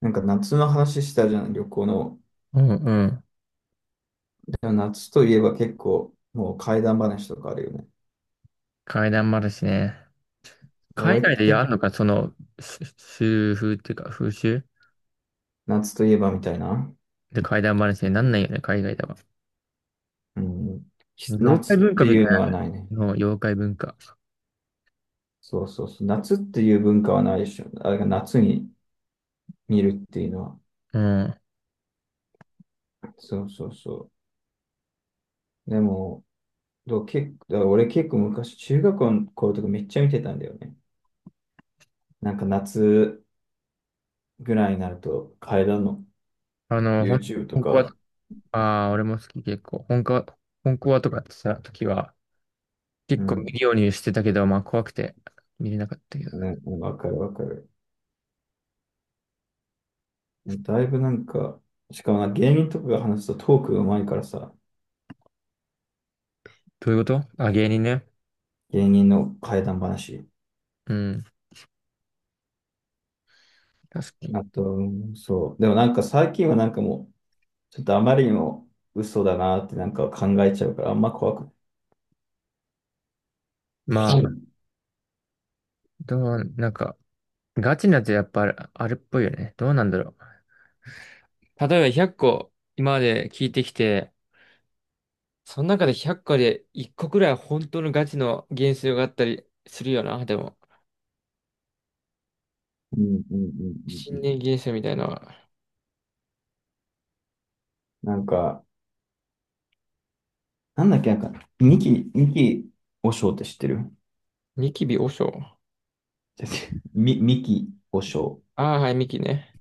なんか夏の話したじゃん、旅行の。うんうん。でも夏といえば結構、もう怪談話とかあるよね。階段もあるしね。で海俺、外でやるのか、その、し習風っていうか、風習夏といえばみたいな。で怪談話になんないよね、海外では。うん。妖夏怪っ文化てみたいいうのはないね。なの、妖怪文化。そうそうそう。夏っていう文化はないでしょ。あれが夏に見るっていうのは。うん。そうそうそう。でも、結構、だから俺結構昔、中学校の頃とかめっちゃ見てたんだよね。なんか夏ぐらいになると、階段の YouTube と本コア。か、ああ、俺も好き結構。本コアとかやってた時は、う結構見ん。るようにしてたけど、まあ怖くて見れなかったけど。ね、わかるわかる。だいぶなんか、しかもな芸人とかが話すとトークが上手いからさ、どういうこと？あ、芸人ね。芸人の怪談話。うん、確かに。あと、うんそう。でもなんか最近はなんかもう、ちょっとあまりにも嘘だなってなんか考えちゃうから、あんま怖くなまい。うあ、んなんか、ガチなやつやっぱあるっぽいよね。どうなんだろう。例えば100個今まで聞いてきて、その中で100個で1個くらいは本当のガチの幻想があったりするよな、でも。うんうんうんう新ん。年幻想みたいな。なんか、なんだっけ、なんか、ミキ和尚って知ってる？違ニキビ和尚。う違う ミキ和尚。ああー、はい、ミキね。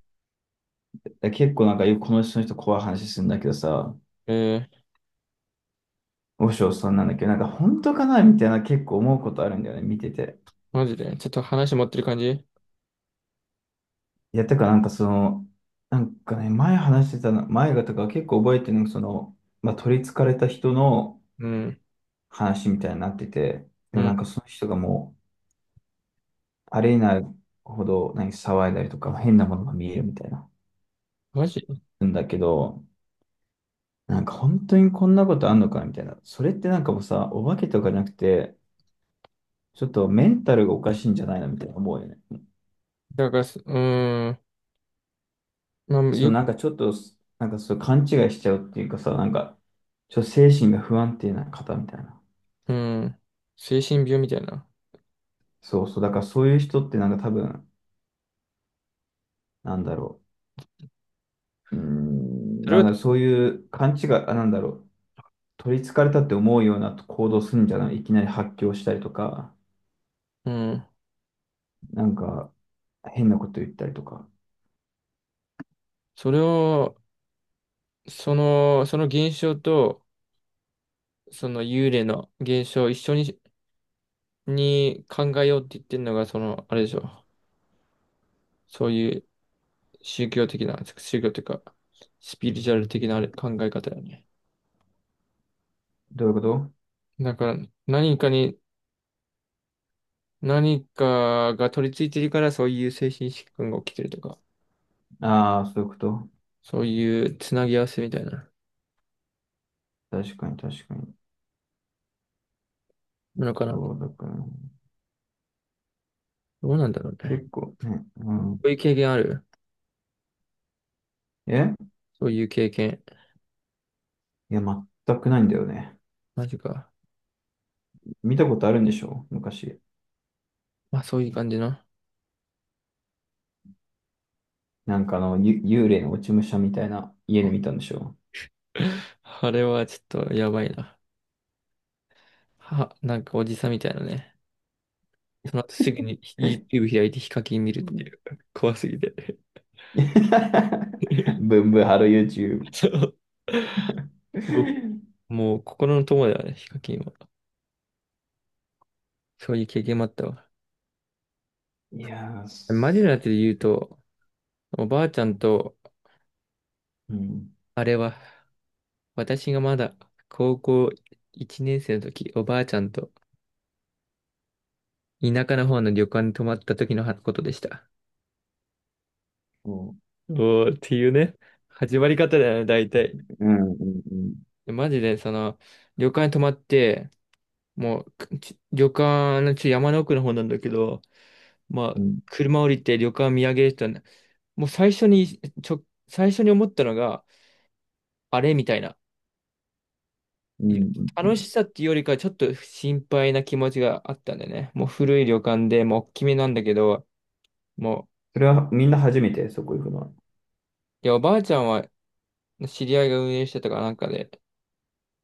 結構なんかよくこの人怖い話するんだけどさ、えー、和尚さんなんだっけど、なんか本当かなみたいな結構思うことあるんだよね、見てて。マジで。ちょっと話持ってる感じ。いや、てかなんかその、なんかね、前話してたの、前がとか結構覚えてるのが、その、まあ、取り憑かれた人のうん。話みたいになってて、でうもなん。んかその人がもう、あれになるほど、何、騒いだりとか、変なものが見えるみたいな。マジ。んだけど、なんか本当にこんなことあんのかみたいな。それってなんかもうさ、お化けとかじゃなくて、ちょっとメンタルがおかしいんじゃないのみたいな思うよね。だからす、うーん。まあ、そのなんかちょっと、なんかそう勘違いしちゃうっていうかさ、なんか、ちょっと精神が不安定な方みたいな。うん。精神病みたいな。そうそう、だからそういう人ってなんか多分、なんだろう、うーん、それなんを。かそういう勘違い、あ、なんだろう、取り憑かれたって思うような行動するんじゃない、いきなり発狂したりとか、うん。なんか変なこと言ったりとか。それを、その現象と、その幽霊の現象を一緒に考えようって言ってるのが、その、あれでしょ。そういう宗教的な、宗教というか、スピリチュアル的なあれ考え方よね。どういうこと？だから、何かに、何かが取り付いてるから、そういう精神疾患が起きてるとか、ああー、そういうこと。そういうつなぎ合わせみたいな確かに確かに。のかな。そう、だからね、どうなんだろうね。結構ね、うん。そういう経験ある？え、そういう経験。いや、全くないんだよね。マジか。見たことあるんでしょ昔。まあ、そういう感じの。なんかあの、幽霊の落ち武者みたいな家で見たんでしょ？ あれはちょっとやばいな。は、なんかおじさんみたいなね。その後すぐに え？ YouTube 開いてヒカキン見るっていう。怖すぎて。ブ ンブンハロー YouTube。そう。もう心の友だよね、ヒカキンは。そういう経験もあったわ。いやー、マジなやつで言うと、おばあちゃんと、うん、あれは、私がまだ高校1年生の時、おばあちゃんと田舎の方の旅館に泊まった時のことでした。そおーっていうね、始まり方だよね、大体。う、うん、うん、うん、マジで、その、旅館に泊まって、もう、旅館の山の奥の方なんだけど、まうあ、ん、車降りて旅館見上げる人はね、もう最初に、最初に思ったのが、あれみたいな。うん。う楽ん、しさっていうよりか、ちょっと心配な気持ちがあったんだよね。もう古い旅館で、もう大きめなんだけど、もそれはみんな初めて、そこ行くのは？う、いや、おばあちゃんは知り合いが運営してたからなんかで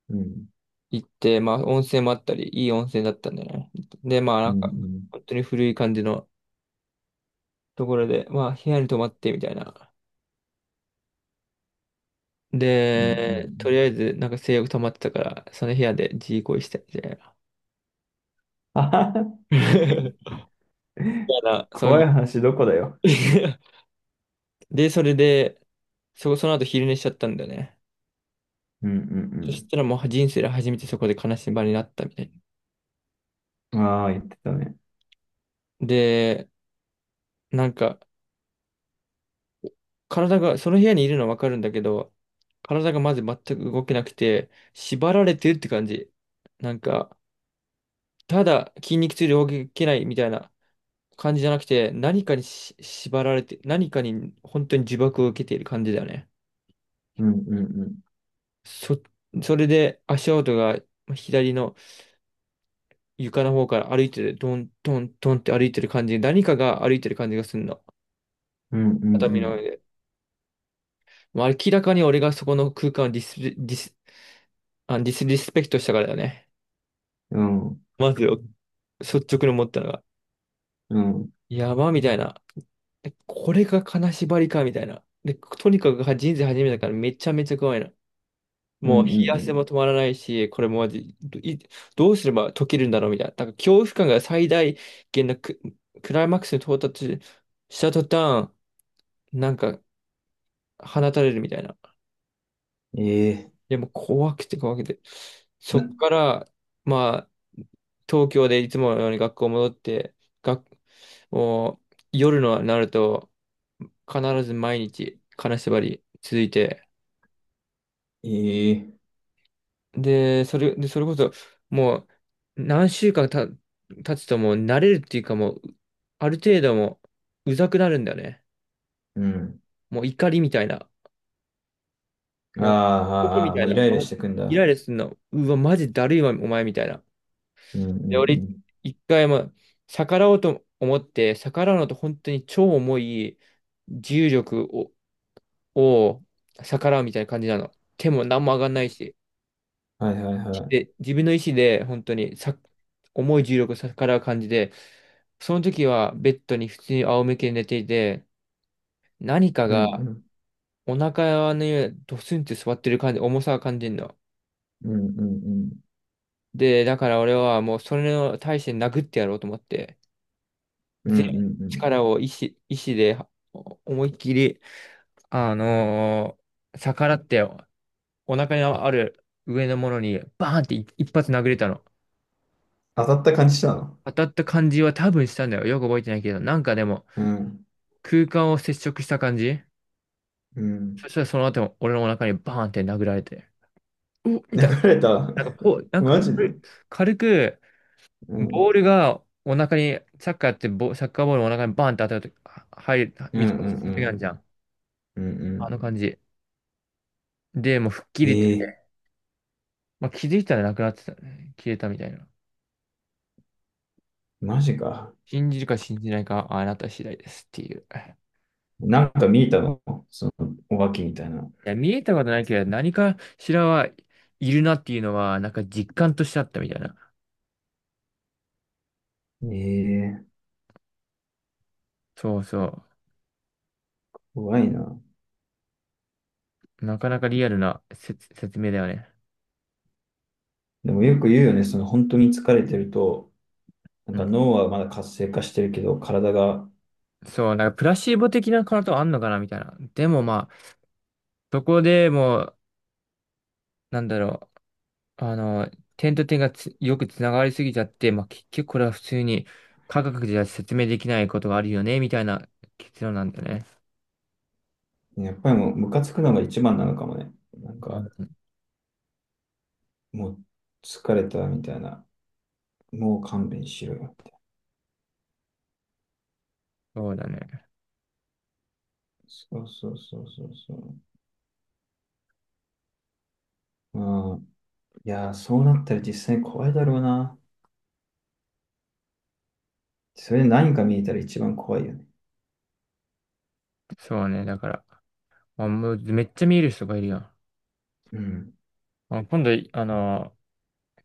うん、行って、まあ、温泉もあったり、いい温泉だったんだよね。で、まあ、なうん、んうか、ん、本当に古い感じのところで、まあ、部屋に泊まってみたいな。うん、うん。うで、とりん、あえず、なんか性欲溜まってたから、その部屋で自慰行為したみたいな。あはは、 みたいなそうい怖いう。話どこだよ。で、それで、その後昼寝しちゃったんだよね。うん、うそしん、たらもう人生で初めてそこで悲しみ場になったみたいうん。ああ、言ってたね。な。で、なんか、体が、その部屋にいるのはわかるんだけど、体がまず全く動けなくて、縛られてるって感じ。なんか、ただ筋肉痛で動けないみたいな感じじゃなくて、何かに縛られて、何かに本当に呪縛を受けている感じだよね。うん、うん、うん、そ、それで足音が左の、床の方から歩いてる、トントントンって歩いてる感じ、何かが歩いてる感じがするの。うん、う畳の上ん、で。もう明らかに俺がそこの空間をディスリスペクトしたからだよね。うん、まずよ、率直に思ったのが。うん、うん、やば、みたいな。え、これが金縛りか、みたいな。で、とにかく人生初めてだからめちゃめちゃ怖いな。うん。もう冷うや汗ん、も止まらないし、これもマじい、どうすれば解けるんだろうみたいな。だから恐怖感が最大限のクライマックスに到達した途端、なんか放たれるみたいな。ええ、でも怖くて怖くて。そっな、から、まあ、東京でいつものように学校戻って、学、もう夜のなると、必ず毎日金縛り続いて、ええ、で、それこそ、もう、何週間経つともう慣れるっていうかもう、ある程度もう、うざくなるんだよね。うん。もう怒りみたいな。あーもう、時あー、みあー、たもいうイな。ライラましずてくんイだ。ライラするの。うわ、マジだるいわ、お前みたいな。うん、うん、で、う俺、ん。一回も逆らおうと思って、逆らうのと本当に超重い重力を、を逆らうみたいな感じなの。手も何も上がんないし。はいはいはい。で、自分の意思で本当にさ、重い重力を逆らう感じで、その時はベッドに普通に仰向けに寝ていて、何かうんがうん。お腹の上にドスンって座ってる感じ、重さを感じるの。うんうんうん。で、だから俺はもうそれの対して殴ってやろうと思って。うん全うんうん。力を意志で思いっきり、あのー逆らってお腹にある上のものにバーンって一発殴れたの。当たった感じしたの？当たった感じは多分したんだよ。よく覚えてないけど、なんかでもうん。空間を接触した感じ。うん。そしたらその後も俺のお腹にバーンって殴られて、うっみ流たいな。れた。なんかこう、なんかマジで。軽くうん。うボーんルがお腹に、サッカーボールお腹にバーンって当たると、は入る、うん水うがつん。いてくるじゃん。うんうあのん。感じ。で、もう吹っ切りええ、まあ、気づいたらなくなってたね。消えたみたいな。マジか。信じるか信じないかはあなた次第ですっていう。いなんか見えたの？その、お化けみたいな。や、見えたことないけど、何かしらはいるなっていうのは、なんか実感としてあったみたいな。ええ、そうそ怖いな。う。なかなかリアルな説明だよね。でもよく言うよね、その本当に疲れてると、なんうかん。脳はまだ活性化してるけど、体が、そう、なんかプラシーボ的なことあんのかなみたいな。でもまあ、そこでもう、なんだろう。点と点がつよくつながりすぎちゃって、まあ結局これは普通に科学じゃ説明できないことがあるよね、みたいな結論なんだよね。やっぱりもうムカつくのが一番なのかもね。なんまあか、もう疲れたみたいな。もう勘弁しろよ。そうだね。そうそうそうそうそう。うん。いやー、そうなったら実際怖いだろうな。それで何か見えたら一番怖いよね。そうね。だから、あ、もうめっちゃ見える人がいるやん。うん。あ、今度、あの、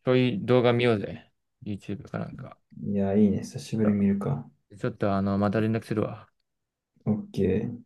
そういう動画見ようぜ。YouTube かなんか。いやー、いいね。久しぶりに見るか？ちょっと、あの、また連絡するわ。OK。